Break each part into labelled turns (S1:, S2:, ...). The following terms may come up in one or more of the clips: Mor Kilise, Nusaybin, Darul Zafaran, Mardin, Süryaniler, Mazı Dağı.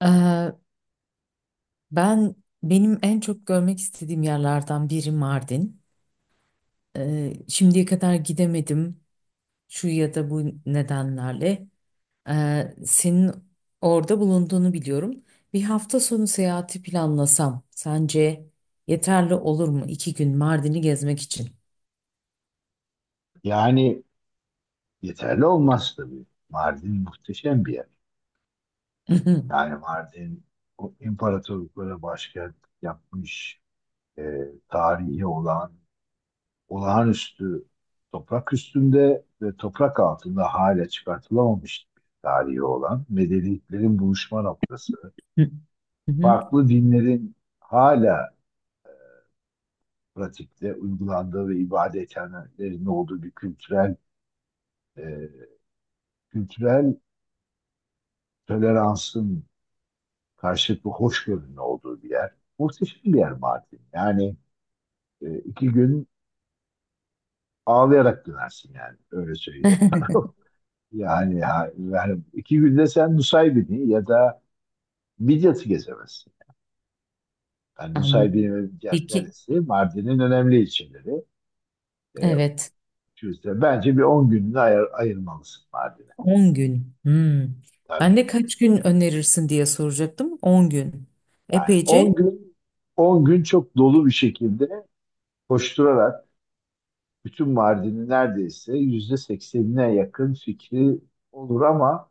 S1: Eee, ben benim en çok görmek istediğim yerlerden biri Mardin. Şimdiye kadar gidemedim şu ya da bu nedenlerle. Senin orada bulunduğunu biliyorum. Bir hafta sonu seyahati planlasam sence yeterli olur mu? 2 gün Mardin'i gezmek için.
S2: Yani yeterli olmaz tabii. Mardin muhteşem bir yer.
S1: Hı
S2: Yani Mardin o imparatorluklara başkent yapmış e, tarihi olan olağanüstü toprak üstünde ve toprak altında hala çıkartılamamış bir tarihi olan medeniyetlerin buluşma noktası.
S1: hı,
S2: Farklı dinlerin hala pratikte uygulandığı ve ibadethanelerin olduğu bir kültürel e, kültürel toleransın karşılıklı hoşgörünün olduğu bir yer. Muhteşem bir yer Mardin. Yani iki gün ağlayarak dönersin yani. Öyle söyleyeyim sana. Yani, iki günde sen Nusaybin'i ya da Midyat'ı gezemezsin. Yani
S1: Anladım.
S2: Nusaybin ve Midyat
S1: Peki.
S2: neresi? Mardin'in önemli ilçeleri. E,
S1: Evet.
S2: işte bence bir 10 gününü ayırmalısın Mardin'e.
S1: On gün. Hmm. Ben
S2: Tabii.
S1: de kaç gün önerirsin diye soracaktım. 10 gün.
S2: Yani on
S1: Epeyce.
S2: gün on gün çok dolu bir şekilde koşturarak bütün Mardin'i neredeyse yüzde seksenine yakın fikri olur ama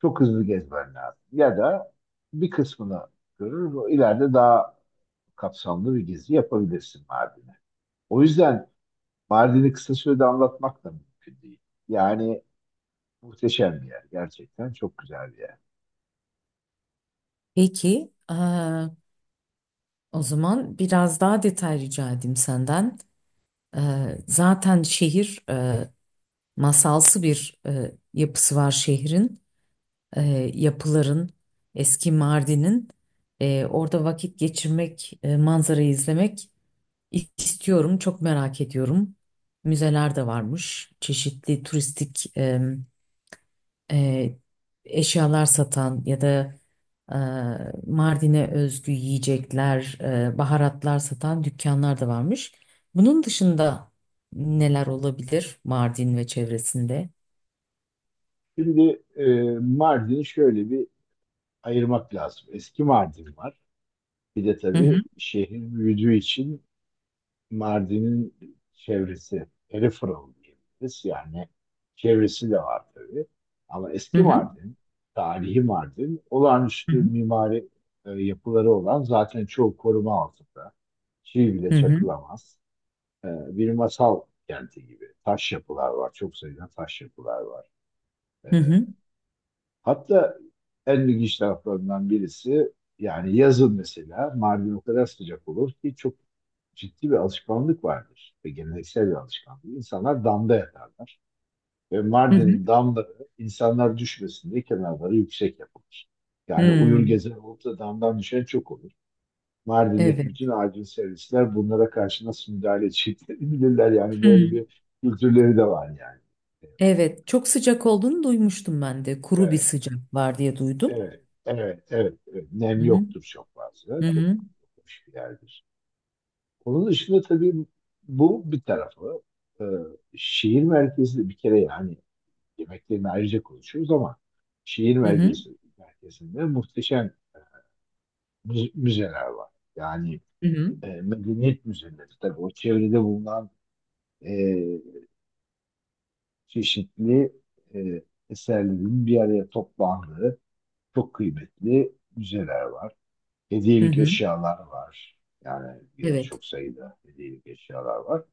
S2: çok hızlı gezmen lazım. Ya da bir kısmını görür, o ileride daha kapsamlı bir gezi yapabilirsin Mardin'e. O yüzden Mardin'i kısa sürede anlatmak da mümkün değil. Yani muhteşem bir yer. Gerçekten çok güzel bir yer.
S1: Peki, o zaman biraz daha detay rica edeyim senden. Zaten şehir masalsı bir yapısı var şehrin. Yapıların, eski Mardin'in. Orada vakit geçirmek, manzarayı izlemek istiyorum, çok merak ediyorum. Müzeler de varmış, çeşitli turistik e, eşyalar satan ya da e, Mardin'e özgü yiyecekler, baharatlar satan dükkanlar da varmış. Bunun dışında neler olabilir Mardin ve çevresinde?
S2: Şimdi Mardin'i şöyle bir ayırmak lazım. Eski Mardin var. Bir de
S1: Hı hı
S2: tabii şehir büyüdüğü için Mardin'in çevresi, peripheral diyebiliriz. Yani çevresi de var tabii. Ama
S1: hı
S2: eski
S1: hı
S2: Mardin, tarihi Mardin, olağanüstü
S1: hı
S2: mimari yapıları olan zaten çoğu koruma altında. Çivi bile
S1: hı hı
S2: çakılamaz. Bir masal kenti gibi. Taş yapılar var. Çok sayıda taş yapılar var. E,
S1: hı
S2: Hatta en ilginç taraflarından birisi yani yazın mesela Mardin o kadar sıcak olur ki çok ciddi bir alışkanlık vardır ve geleneksel bir alışkanlık. İnsanlar damda yatarlar ve
S1: hı hı.
S2: Mardin'in damları insanlar düşmesin diye kenarları yüksek yapılır. Yani
S1: Hı.
S2: uyur gezer olup da damdan düşen çok olur. Mardin'deki
S1: Evet.
S2: bütün acil servisler bunlara karşı nasıl müdahale edeceklerini bilirler. Yani
S1: Hı.
S2: böyle bir kültürleri de var yani.
S1: Evet, çok sıcak olduğunu duymuştum ben de. Kuru bir
S2: Evet.
S1: sıcak var diye duydum.
S2: Evet, evet, evet, evet. Nem
S1: Hı
S2: yoktur çok fazla.
S1: hı
S2: Çok
S1: hı
S2: hoş bir yerdir. Onun dışında tabii bu bir tarafı. Ee, Şehir merkezi de bir kere yani yemeklerini ayrıca konuşuyoruz ama şehir
S1: hı hı
S2: merkezi merkezinde muhteşem müzeler var. Yani
S1: hı hı.
S2: medeniyet müzeleri tabii o çevrede bulunan e, çeşitli e, eserlerin bir araya toplandığı çok kıymetli müzeler var.
S1: hı
S2: Hediyelik
S1: hı.
S2: eşyalar var. Yani yine
S1: Evet.
S2: çok sayıda hediyelik eşyalar var.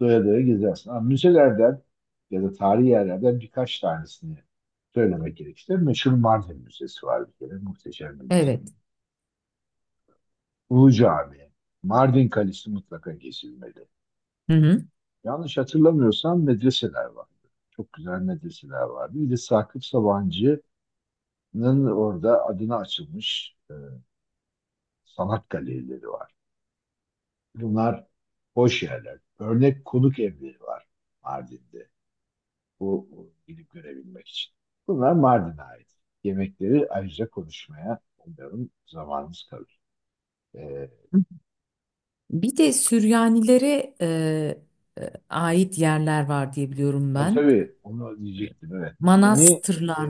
S2: Doya doya gezersin. Ama müzelerden ya da tarihi yerlerden birkaç tanesini söylemek gerekirse meşhur Mardin Müzesi var bir kere. Muhteşem bir müze.
S1: Evet.
S2: Ulu Cami, Mardin Kalesi mutlaka gezilmeli.
S1: Hı hı.
S2: Yanlış hatırlamıyorsam medreseler vardı. Çok güzel medreseler vardı. Bir de Sakıp Sabancı'nın orada adına açılmış sanat galerileri var. Bunlar hoş yerler. Örnek konuk evleri var Mardin'de. Bu, bu gidip görebilmek için. Bunlar Mardin'e ait. Yemekleri ayrıca konuşmaya umarım zamanımız kalır. Ee,
S1: Bir de Süryanilere ait yerler var diye biliyorum
S2: tabii
S1: ben.
S2: tabii onu diyecektim, evet. Dini e,
S1: Manastırlar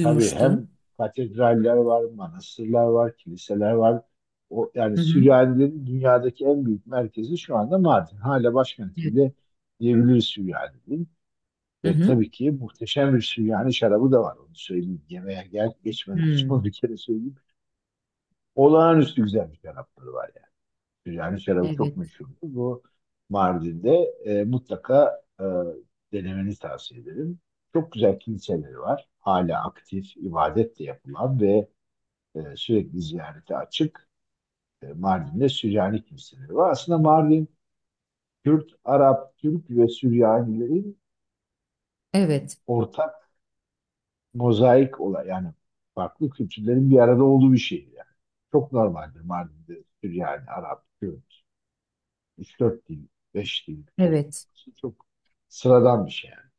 S2: tabii hem katedraller var, manastırlar var, kiliseler var. O, yani
S1: Hı hı.
S2: Süryanilerin dünyadaki en büyük merkezi şu anda Mardin. Hala başkenti
S1: Evet.
S2: bile diyebiliriz Süryanilerin.
S1: Hı
S2: Ve
S1: hı.
S2: tabii ki muhteşem bir Süryani şarabı da var, onu söyleyeyim. Yemeğe gel geçmeden önce onu
S1: Hmm.
S2: bir kere söyleyeyim. Olağanüstü güzel bir şarapları var yani. Süryani şarabı çok
S1: Evet.
S2: meşhur. Bu Mardin'de mutlaka denemeni tavsiye ederim. Çok güzel kiliseleri var. Hala aktif, ibadet de yapılan ve sürekli ziyarete açık. Mardin'de Süryani kiliseleri var. Aslında Mardin, Kürt, Arap, Türk ve Süryanilerin
S1: Evet.
S2: ortak mozaik olay yani farklı kültürlerin bir arada olduğu bir şehir yani. Çok normaldir Mardin'de Süryani, Arap, Kürt, üç dört dil, 5 dil
S1: Evet.
S2: konuşması çok sıradan bir şey yani.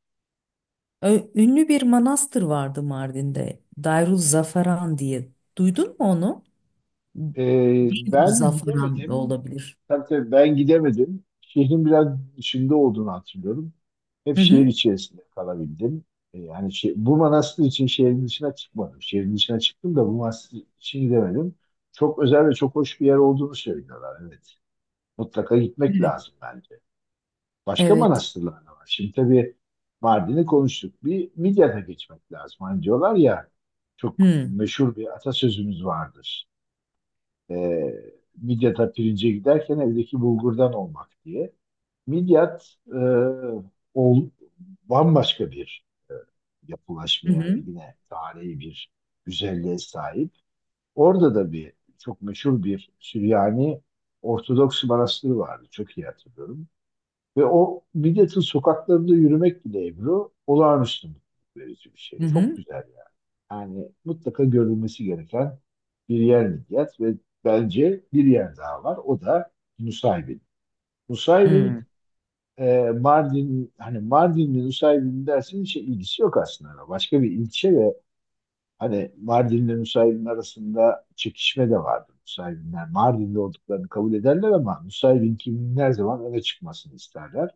S1: Ünlü bir manastır vardı Mardin'de. Darul Zafaran diye. Duydun mu onu? Darul
S2: Ben
S1: Zafaran da
S2: gidemedim.
S1: olabilir.
S2: Tabii tabii ben gidemedim. Şehrin biraz dışında olduğunu hatırlıyorum. Hep
S1: Hı
S2: şehir
S1: hı.
S2: içerisinde kalabildim. Yani şey, bu manastır için şehrin dışına çıkmadım. Şehrin dışına çıktım da bu manastır için gidemedim. Çok özel ve çok hoş bir yer olduğunu söylüyorlar. Evet. Mutlaka gitmek
S1: Evet.
S2: lazım bence. Başka
S1: Evet.
S2: manastırlar da var. Şimdi tabii Mardin'i konuştuk. Bir Midyat'a geçmek lazım. Hani diyorlar ya çok
S1: Hı
S2: meşhur bir atasözümüz vardır. Ee, Midyat'a pirince giderken evdeki bulgurdan olmak diye. Midyat ol, bambaşka bir e, yapılaşmaya ve
S1: hı.
S2: yine tarihi bir güzelliğe sahip. Orada da bir çok meşhur bir Süryani Ortodoks manastırı vardı. Çok iyi hatırlıyorum. Ve o Midyat'ın sokaklarında yürümek bile Ebru olağanüstü mutluluk verici bir şey.
S1: Hı
S2: Çok
S1: hı.
S2: güzel yani. Yani mutlaka görülmesi gereken bir yer Midyat ve bence bir yer daha var. O da Nusaybin. Nusaybin
S1: Hı
S2: Mardin hani Mardin'le Nusaybin dersin hiç ilgisi yok aslında. Başka bir ilçe ve hani Mardin'le Nusaybin arasında çekişme de vardı. Nusaybinler Mardin'de olduklarını kabul ederler ama Nusaybin kimin her zaman öne çıkmasını isterler.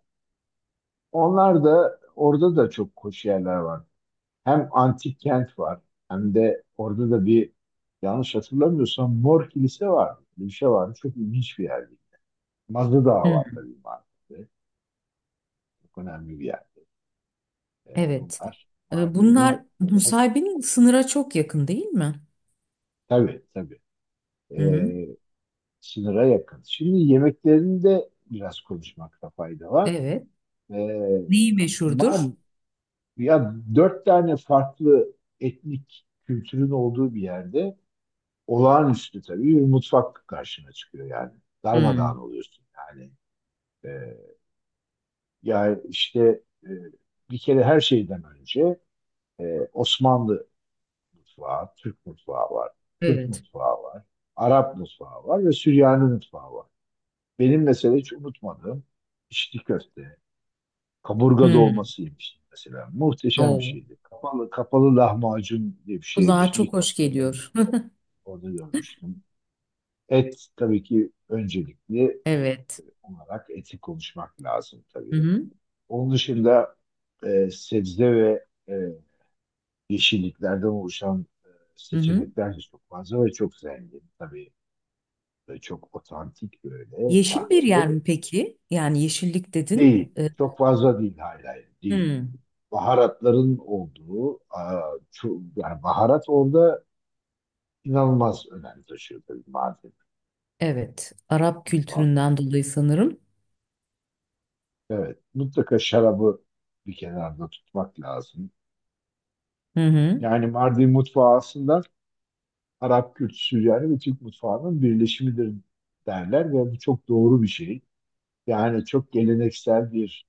S2: Onlar da orada da çok hoş yerler var. Hem antik kent var hem de orada da bir yanlış hatırlamıyorsam Mor Kilise var. Bir şey var. Çok ilginç bir yerdi. Mazı Dağı var
S1: hı.
S2: tabii Mardin'de. Çok önemli bir yerde.
S1: Evet.
S2: Bunlar Mardin'in
S1: Bunlar Nusaybin'in sınıra çok yakın değil mi?
S2: tabii tabii
S1: Hı hı.
S2: ee, sınıra yakın. Şimdi yemeklerinde biraz konuşmakta fayda var.
S1: Evet.
S2: Ee,
S1: Neyi meşhurdur?
S2: Mardin, ya dört tane farklı etnik kültürün olduğu bir yerde olağanüstü tabii bir mutfak karşına çıkıyor yani.
S1: Hmm.
S2: Darmadağın oluyorsun yani. Ee, Ya işte bir kere her şeyden önce Osmanlı mutfağı, Türk mutfağı var, Kürt
S1: Evet.
S2: mutfağı var, Arap mutfağı var ve Süryani mutfağı var. Benim mesela hiç unutmadığım içli köfte, kaburga
S1: Hmm.
S2: dolması yemiştim mesela. Muhteşem bir
S1: Oo.
S2: şeydi. Kapalı, kapalı lahmacun diye bir şey
S1: Kulağa
S2: yemiştim.
S1: çok
S2: İlk
S1: hoş
S2: defa orada,
S1: geliyor.
S2: orada görmüştüm. Et tabii ki öncelikli
S1: Evet.
S2: olarak etik konuşmak lazım
S1: Hı
S2: tabii.
S1: hı.
S2: Onun dışında sebze ve yeşilliklerden oluşan
S1: Hı hı.
S2: seçenekler de çok fazla ve çok zengin. Tabii çok otantik böyle
S1: Yeşil bir
S2: farklı
S1: yer mi peki? Yani yeşillik dedin.
S2: değil. Çok fazla değil, hala değil.
S1: Hmm.
S2: Baharatların olduğu, yani baharat orada inanılmaz önem taşıyor tabii madem
S1: Evet. Arap
S2: mutfağında.
S1: kültüründen dolayı sanırım.
S2: Evet, mutlaka şarabı bir kenarda tutmak lazım.
S1: Hı hı.
S2: Yani Mardin mutfağı aslında Arap Kürt, Süryani ve Türk mutfağının birleşimidir derler ve bu çok doğru bir şey. Yani çok geleneksel bir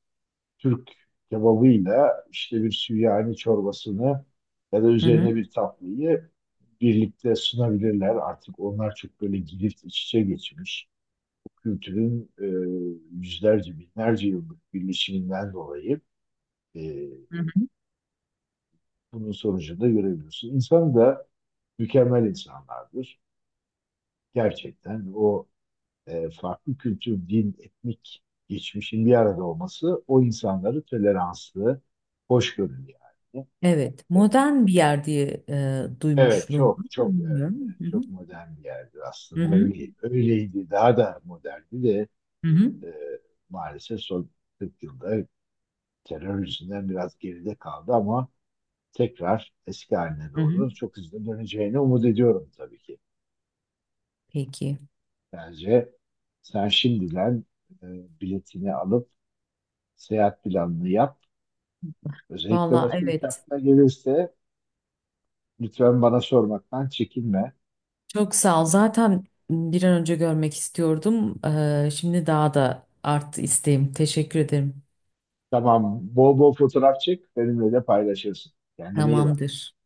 S2: Türk kebabıyla işte bir Süryani çorbasını ya da
S1: Hı hı.
S2: üzerine bir tatlıyı birlikte sunabilirler. Artık onlar çok böyle girift iç içe geçmiş. Bu kültürün yüzlerce, binlerce yıllık birleşiminden dolayı e,
S1: Hı hı.
S2: bunun sonucunu da görebiliyorsun. İnsan da mükemmel insanlardır. Gerçekten o farklı kültür, din, etnik geçmişin bir arada olması o insanları toleranslı, hoşgörülü yani.
S1: Evet.
S2: E,
S1: Modern bir yer diye
S2: Evet,
S1: duymuşluğum var.
S2: çok çok evet,
S1: Bilmiyorum. Hı hı.
S2: çok modern bir yerdir
S1: Hı
S2: aslında.
S1: hı.
S2: Öyle, öyleydi, daha da moderndi de
S1: Hı hı.
S2: e, maalesef son 40 yılda terör yüzünden biraz geride kaldı ama tekrar eski haline
S1: Hı hı.
S2: doğru çok hızlı döneceğini umut ediyorum tabii ki.
S1: Peki.
S2: Bence sen şimdiden e, biletini alıp seyahat planını yap. Özellikle
S1: Valla
S2: başka bir şey
S1: evet.
S2: aklına gelirse lütfen bana sormaktan çekinme.
S1: Çok sağ ol.
S2: Ee,
S1: Zaten bir an önce görmek istiyordum. Şimdi daha da arttı isteğim. Teşekkür ederim.
S2: Tamam, bol bol fotoğraf çek, benimle de paylaşırsın. Kendine iyi bak.
S1: Tamamdır.